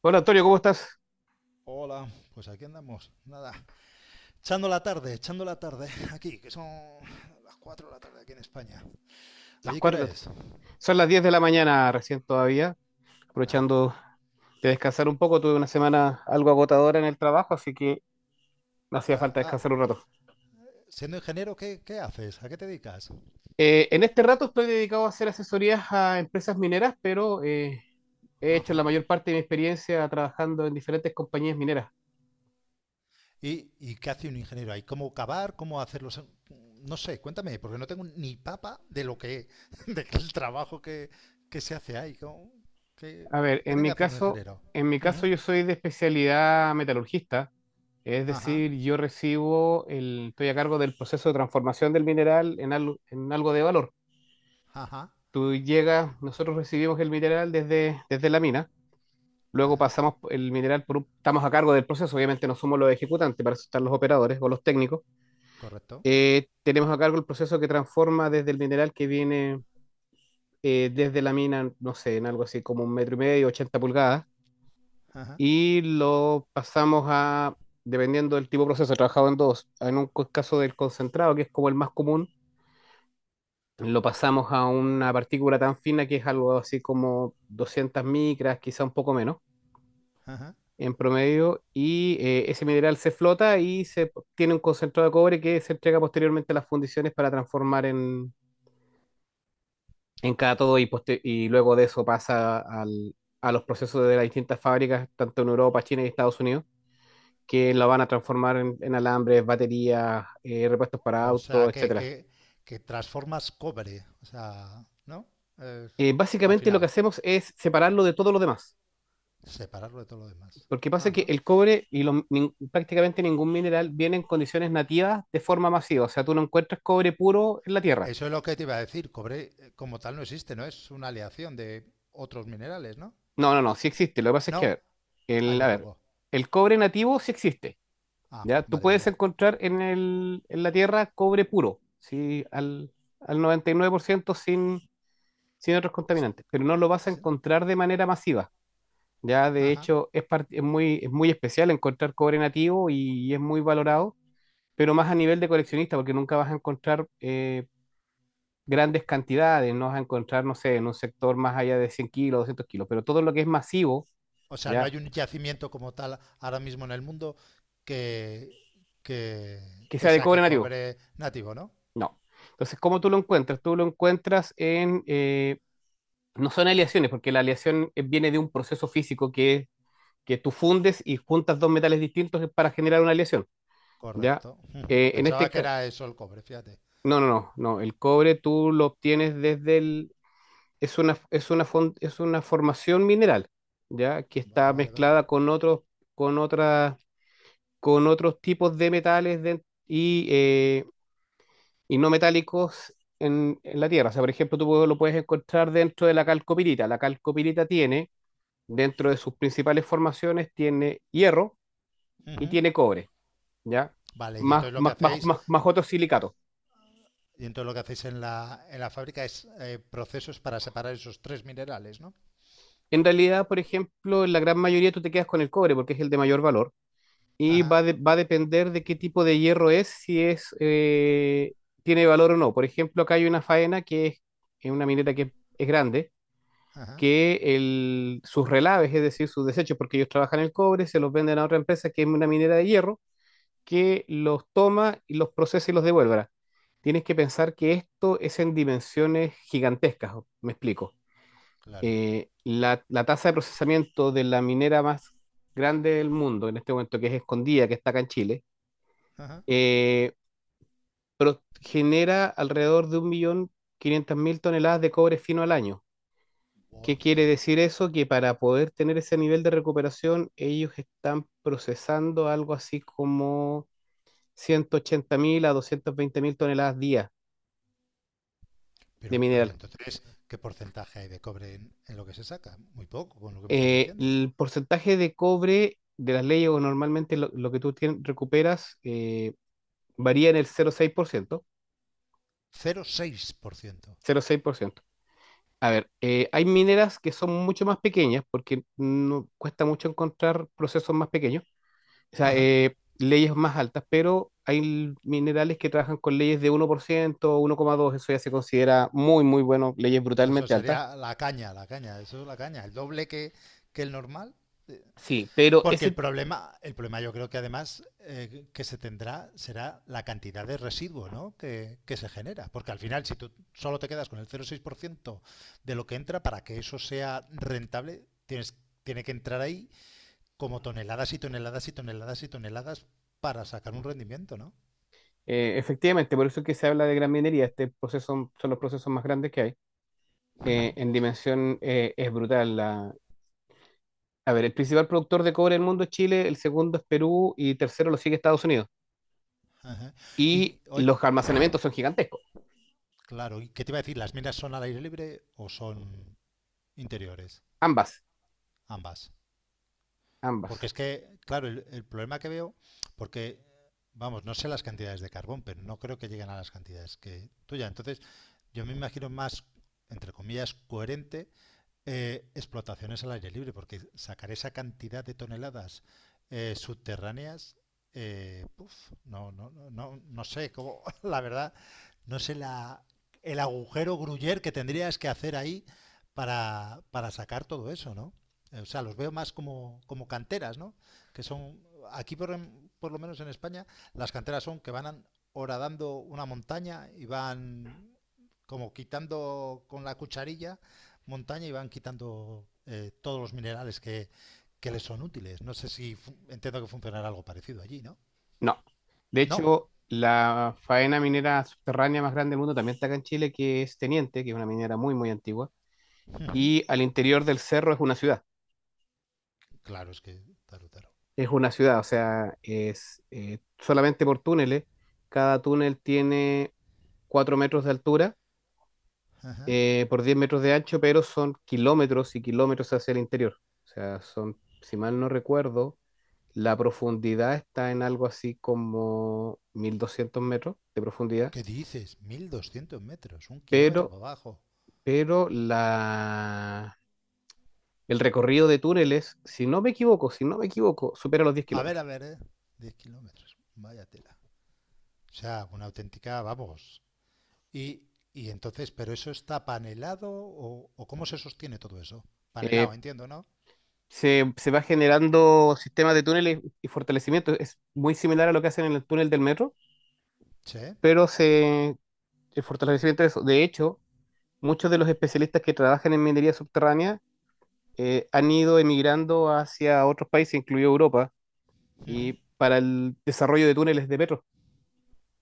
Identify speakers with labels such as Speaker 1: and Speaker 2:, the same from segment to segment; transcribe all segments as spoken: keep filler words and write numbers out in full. Speaker 1: Hola Antonio, ¿cómo estás?
Speaker 2: Hola, pues aquí andamos, nada, echando la tarde, echando la tarde, aquí, que son las cuatro de la tarde aquí en España.
Speaker 1: Las
Speaker 2: ¿Allí qué hora
Speaker 1: cuatro.
Speaker 2: es?
Speaker 1: Son las diez de la mañana recién todavía,
Speaker 2: Bueno,
Speaker 1: aprovechando de descansar un poco. Tuve una semana algo agotadora en el trabajo, así que me hacía
Speaker 2: ah,
Speaker 1: falta
Speaker 2: ah,
Speaker 1: descansar un rato.
Speaker 2: siendo ingeniero, ¿qué, qué haces? ¿A qué te dedicas?
Speaker 1: Eh, en este rato estoy dedicado a hacer asesorías a empresas mineras, pero eh, he hecho la
Speaker 2: Ajá.
Speaker 1: mayor parte de mi experiencia trabajando en diferentes compañías mineras.
Speaker 2: ¿Y, ¿Y qué hace un ingeniero ahí? ¿Cómo cavar? ¿Cómo hacerlo? No sé, cuéntame, porque no tengo ni papa de lo que, de el trabajo que, que se hace ahí. ¿Cómo- ¿Qué,
Speaker 1: A ver,
Speaker 2: qué
Speaker 1: en
Speaker 2: tiene que
Speaker 1: mi
Speaker 2: hacer un
Speaker 1: caso,
Speaker 2: ingeniero?
Speaker 1: en mi caso
Speaker 2: Ujú.
Speaker 1: yo soy de especialidad metalurgista, es
Speaker 2: Ajá,
Speaker 1: decir, yo recibo el, estoy a cargo del proceso de transformación del mineral en algo, en algo de valor.
Speaker 2: ajá,
Speaker 1: Tú llegas, nosotros recibimos el mineral desde, desde la mina, luego
Speaker 2: ajá,
Speaker 1: pasamos el mineral por un- estamos a cargo del proceso, obviamente no somos los ejecutantes, para eso están los operadores o los técnicos.
Speaker 2: correcto.
Speaker 1: Eh, tenemos a cargo el proceso que transforma desde el mineral que viene eh, desde la mina, no sé, en algo así como un metro y medio, ochenta pulgadas,
Speaker 2: Ajá,
Speaker 1: y lo pasamos a, dependiendo del tipo de proceso, he trabajado en dos, en un co- caso del concentrado, que es como el más común. Lo pasamos a una partícula tan fina que es algo así como doscientas micras, quizá un poco menos
Speaker 2: ajá.
Speaker 1: en promedio, y eh, ese mineral se flota y se tiene un concentrado de cobre que se entrega posteriormente a las fundiciones para transformar en, en cátodo y, poster- y luego de eso pasa al- a los procesos de las distintas fábricas, tanto en Europa, China y Estados Unidos, que lo van a transformar en, en alambres, baterías, eh, repuestos para
Speaker 2: O sea,
Speaker 1: autos,
Speaker 2: que,
Speaker 1: etcétera.
Speaker 2: que, que transformas cobre. O sea, ¿no? Es-
Speaker 1: Eh,
Speaker 2: al
Speaker 1: básicamente lo
Speaker 2: final,
Speaker 1: que hacemos es separarlo de todo lo demás.
Speaker 2: separarlo de todo lo demás.
Speaker 1: Porque pasa que
Speaker 2: Ajá.
Speaker 1: el cobre y lo- nin- prácticamente ningún mineral viene en condiciones nativas de forma masiva. O sea, tú no encuentras cobre puro en la tierra.
Speaker 2: Eso es lo que te iba a decir. Cobre eh, como tal no existe, ¿no? Es una aleación de otros minerales, ¿no?
Speaker 1: No, no, no, sí existe. Lo que pasa es que, a
Speaker 2: No,
Speaker 1: ver,
Speaker 2: hay
Speaker 1: el, a
Speaker 2: muy
Speaker 1: ver,
Speaker 2: poco.
Speaker 1: el cobre nativo sí existe.
Speaker 2: Ah,
Speaker 1: ¿Ya? Tú
Speaker 2: vale,
Speaker 1: puedes
Speaker 2: vale.
Speaker 1: encontrar en el, en la tierra cobre puro, sí, al, al noventa y nueve por ciento sin, sin otros contaminantes, pero no lo vas a
Speaker 2: Sí,
Speaker 1: encontrar de manera masiva. Ya, de
Speaker 2: ajá.
Speaker 1: hecho, es, par- es muy, es muy especial encontrar cobre nativo y es muy valorado, pero más a nivel de coleccionista, porque nunca vas a encontrar eh, grandes cantidades, no vas a encontrar, no sé, en un sector más allá de cien kilos, doscientos kilos, pero todo lo que es masivo,
Speaker 2: O sea, no
Speaker 1: ¿ya?
Speaker 2: hay un yacimiento como tal ahora mismo en el mundo que, que,
Speaker 1: Que sea
Speaker 2: que
Speaker 1: de cobre
Speaker 2: saque
Speaker 1: nativo,
Speaker 2: cobre nativo, ¿no?
Speaker 1: no. Entonces, ¿cómo tú lo encuentras? Tú lo encuentras en, eh, no son aleaciones, porque la aleación eh, viene de un proceso físico, que es que tú fundes y juntas dos metales distintos eh, para generar una aleación, ¿ya?
Speaker 2: Correcto. Ujú.
Speaker 1: Eh, en
Speaker 2: Pensaba
Speaker 1: este
Speaker 2: que
Speaker 1: caso,
Speaker 2: era eso el cobre, fíjate.
Speaker 1: no, no, no, no, el cobre tú lo obtienes desde el, es una, es una, fon- es una formación mineral, ¿ya? Que
Speaker 2: Vale,
Speaker 1: está
Speaker 2: vale, vale.
Speaker 1: mezclada con otros, con otras, con otros tipos de metales de- y, eh, y no metálicos en, en la Tierra. O sea, por ejemplo, tú pu- lo puedes encontrar dentro de la calcopirita. La calcopirita tiene, dentro de sus principales formaciones, tiene hierro y
Speaker 2: Ujú.
Speaker 1: tiene cobre, ¿ya?
Speaker 2: Vale, y
Speaker 1: Más,
Speaker 2: entonces lo que
Speaker 1: más, más,
Speaker 2: hacéis,
Speaker 1: más, más otros silicatos.
Speaker 2: y entonces lo que hacéis en la, en la fábrica es eh, procesos para separar esos tres minerales, ¿no?
Speaker 1: En realidad, por ejemplo, en la gran mayoría tú te quedas con el cobre porque es el de mayor valor, y
Speaker 2: Ajá,
Speaker 1: va, de- va a depender de qué tipo de hierro es, si es, eh, tiene valor o no. Por ejemplo, acá hay una faena que es, es una minera que es grande,
Speaker 2: ajá,
Speaker 1: que el, sus relaves, es decir, sus desechos, porque ellos trabajan el cobre, se los venden a otra empresa que es una minera de hierro, que los toma y los procesa y los devuelve. Ahora, tienes que pensar que esto es en dimensiones gigantescas, me explico.
Speaker 2: claro.
Speaker 1: Eh, la, la tasa de procesamiento de la minera más grande del mundo en este momento, que es Escondida, que está acá en Chile,
Speaker 2: Ajá.
Speaker 1: eh, pero genera alrededor de un millón quinientas mil toneladas de cobre fino al año. ¿Qué
Speaker 2: Oye,
Speaker 1: quiere decir eso? Que para poder tener ese nivel de recuperación, ellos están procesando algo así como ciento ochenta mil a doscientas veinte mil toneladas día de
Speaker 2: pero, pero
Speaker 1: mineral.
Speaker 2: entonces, ¿qué porcentaje hay de cobre en, en lo que se saca? Muy poco, con lo que me estás
Speaker 1: Eh,
Speaker 2: diciendo.
Speaker 1: el porcentaje de cobre de las leyes, o normalmente lo, lo que tú tien- recuperas eh, varía en el cero Cero seis seis por ciento.
Speaker 2: cero coma seis por ciento.
Speaker 1: Cero coma seis por ciento. A ver, eh, hay mineras que son mucho más pequeñas porque no cuesta mucho encontrar procesos más pequeños, o sea,
Speaker 2: Ajá.
Speaker 1: eh, leyes más altas, pero hay l- minerales que trabajan con leyes de uno por ciento, uno coma dos, eso ya se considera muy, muy bueno, leyes
Speaker 2: Eso
Speaker 1: brutalmente altas.
Speaker 2: sería la caña, la caña, eso es la caña. El doble que, que el normal.
Speaker 1: Sí, pero
Speaker 2: Porque el
Speaker 1: ese,
Speaker 2: problema, el problema yo creo que además eh, que se tendrá será la cantidad de residuo, ¿no? que, que se genera. Porque al final, si tú solo te quedas con el cero coma seis por ciento de lo que entra, para que eso sea rentable, tienes, tiene que entrar ahí como toneladas y toneladas y toneladas y toneladas para sacar un rendimiento, ¿no?
Speaker 1: eh, efectivamente, por eso es que se habla de gran minería, este proceso son los procesos más grandes que hay. Eh,
Speaker 2: Ujú,
Speaker 1: en dimensión eh, es brutal. la- A ver, el principal productor de cobre del mundo es Chile, el segundo es Perú y tercero lo sigue Estados Unidos.
Speaker 2: ajá. Y
Speaker 1: Y
Speaker 2: oye,
Speaker 1: los almacenamientos son gigantescos.
Speaker 2: claro, ¿y qué te iba a decir? ¿Las minas son al aire libre o son interiores?
Speaker 1: Ambas,
Speaker 2: Ambas.
Speaker 1: ambas.
Speaker 2: Porque es que, claro, el, el problema que veo, porque, vamos, no sé las cantidades de carbón, pero no creo que lleguen a las cantidades que tuya. Entonces, yo me imagino más, entre comillas, coherente, eh, explotaciones al aire libre, porque sacar esa cantidad de toneladas eh, subterráneas, eh, puf, no, no, no, no, no sé cómo, la verdad, no sé la, el agujero gruyer que tendrías que hacer ahí para, para sacar todo eso, ¿no? Eh, O sea, los veo más como, como canteras, ¿no? Que son, aquí por, en- por lo menos en España, las canteras son que van horadando una montaña y van como quitando con la cucharilla montaña y van quitando eh, todos los minerales que, que, les son útiles. No sé si entiendo que funcionará algo parecido allí, ¿no?
Speaker 1: No. De
Speaker 2: No.
Speaker 1: hecho, la faena minera subterránea más grande del mundo también está acá en Chile, que es Teniente, que es una minera muy, muy antigua.
Speaker 2: Ujú.
Speaker 1: Y al interior del cerro es una ciudad.
Speaker 2: Claro, es que. Taro, taro.
Speaker 1: Es una ciudad, o sea, es eh, solamente por túneles. Cada túnel tiene cuatro metros de altura
Speaker 2: Ajá.
Speaker 1: eh, por diez metros de ancho, pero son kilómetros y kilómetros hacia el interior. O sea, son, si mal no recuerdo, la profundidad está en algo así como mil doscientos metros de profundidad,
Speaker 2: ¿Qué dices? Mil doscientos metros, un kilómetro
Speaker 1: pero,
Speaker 2: para abajo.
Speaker 1: pero la, el recorrido de túneles, si no me equivoco, si no me equivoco, supera los diez
Speaker 2: A ver,
Speaker 1: kilómetros.
Speaker 2: a ver, ¿eh? 10 kilómetros. Vaya tela. O sea, una auténtica, vamos. Y, y entonces, ¿pero eso está panelado o, o cómo se sostiene todo eso? Panelado,
Speaker 1: Eh,
Speaker 2: entiendo, ¿no?
Speaker 1: se, se va generando sistemas de túneles y fortalecimiento. Es muy similar a lo que hacen en el túnel del metro,
Speaker 2: Sí.
Speaker 1: pero se, el fortalecimiento de eso. De hecho, muchos de los especialistas que trabajan en minería subterránea eh, han ido emigrando hacia otros países, incluido Europa,
Speaker 2: Ujú.
Speaker 1: y para el desarrollo de túneles de metro,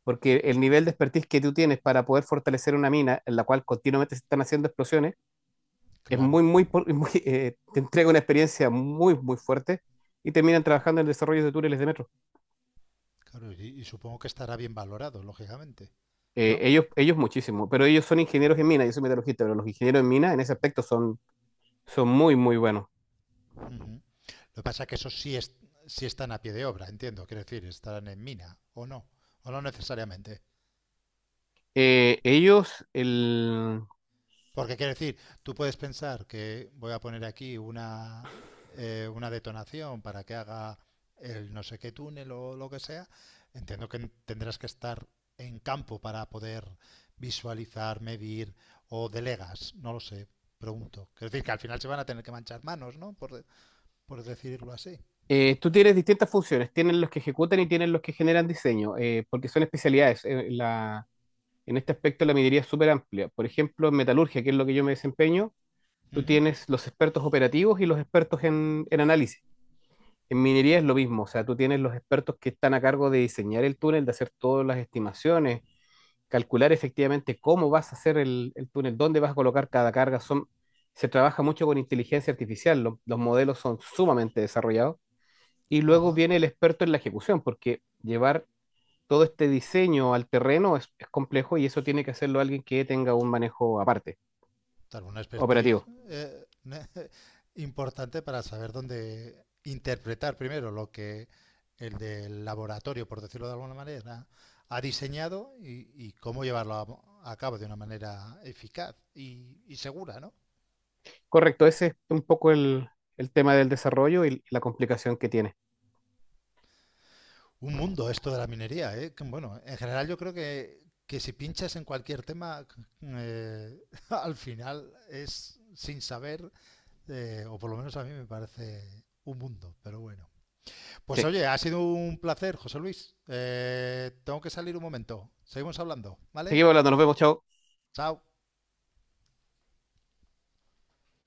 Speaker 1: porque el nivel de expertise que tú tienes para poder fortalecer una mina en la cual continuamente se están haciendo explosiones es muy,
Speaker 2: Claro,
Speaker 1: muy, por- muy, eh, te entrega una experiencia muy, muy fuerte y terminan trabajando en el desarrollo de túneles de metro.
Speaker 2: claro, y, y supongo que estará bien valorado, lógicamente.
Speaker 1: Eh,
Speaker 2: ¿No?
Speaker 1: ellos, ellos muchísimo, pero ellos son ingenieros en mina, yo soy metalurgista, pero los ingenieros en mina en ese aspecto son, son muy, muy buenos.
Speaker 2: Uh -huh. Lo que pasa es que esos sí, es, sí están a pie de obra, entiendo. Quiero decir, estarán en mina o no, o no necesariamente.
Speaker 1: Eh, ellos, el,
Speaker 2: Porque quiero decir, tú puedes pensar que voy a poner aquí una, eh, una detonación para que haga el no sé qué túnel o lo que sea. Entiendo que tendrás que estar en campo para poder visualizar, medir, o delegas, no lo sé, pregunto. Es decir, que al final se van a tener que manchar manos, ¿no? Por, de- por decirlo así.
Speaker 1: eh, tú tienes distintas funciones, tienen los que ejecutan y tienen los que generan diseño, eh, porque son especialidades. eh, la, En este aspecto la minería es súper amplia. Por ejemplo, en metalurgia, que es lo que yo me desempeño,
Speaker 2: Uh
Speaker 1: tú
Speaker 2: -huh.
Speaker 1: tienes los expertos operativos y los expertos en, en análisis. En minería es lo mismo, o sea, tú tienes los expertos que están a cargo de diseñar el túnel, de hacer todas las estimaciones, calcular efectivamente cómo vas a hacer el, el túnel, dónde vas a colocar cada carga. Son, se trabaja mucho con inteligencia artificial, lo- los modelos son sumamente desarrollados. Y luego
Speaker 2: Ajá.
Speaker 1: viene el experto en la ejecución, porque llevar todo este diseño al terreno es, es complejo y eso tiene que hacerlo alguien que tenga un manejo aparte,
Speaker 2: Claro, un expertise
Speaker 1: operativo.
Speaker 2: eh, ne- importante para saber dónde interpretar primero lo que el del laboratorio, por decirlo de alguna manera, ha diseñado y, y cómo llevarlo a, mo- a cabo de una manera eficaz y, y segura, ¿no?
Speaker 1: Correcto, ese es un poco el, el tema del desarrollo y la complicación que tiene.
Speaker 2: Un mundo esto de la minería, ¿eh? Que, Bueno, en general yo creo que, que, si pinchas en cualquier tema, eh, al final es sin saber, eh, o por lo menos a mí me parece un mundo, pero bueno. Pues
Speaker 1: Sí.
Speaker 2: oye, ha sido un placer, José Luis. Eh, tengo que salir un momento. Seguimos hablando, ¿vale?
Speaker 1: Seguimos hablando, nos vemos, chao.
Speaker 2: Chao.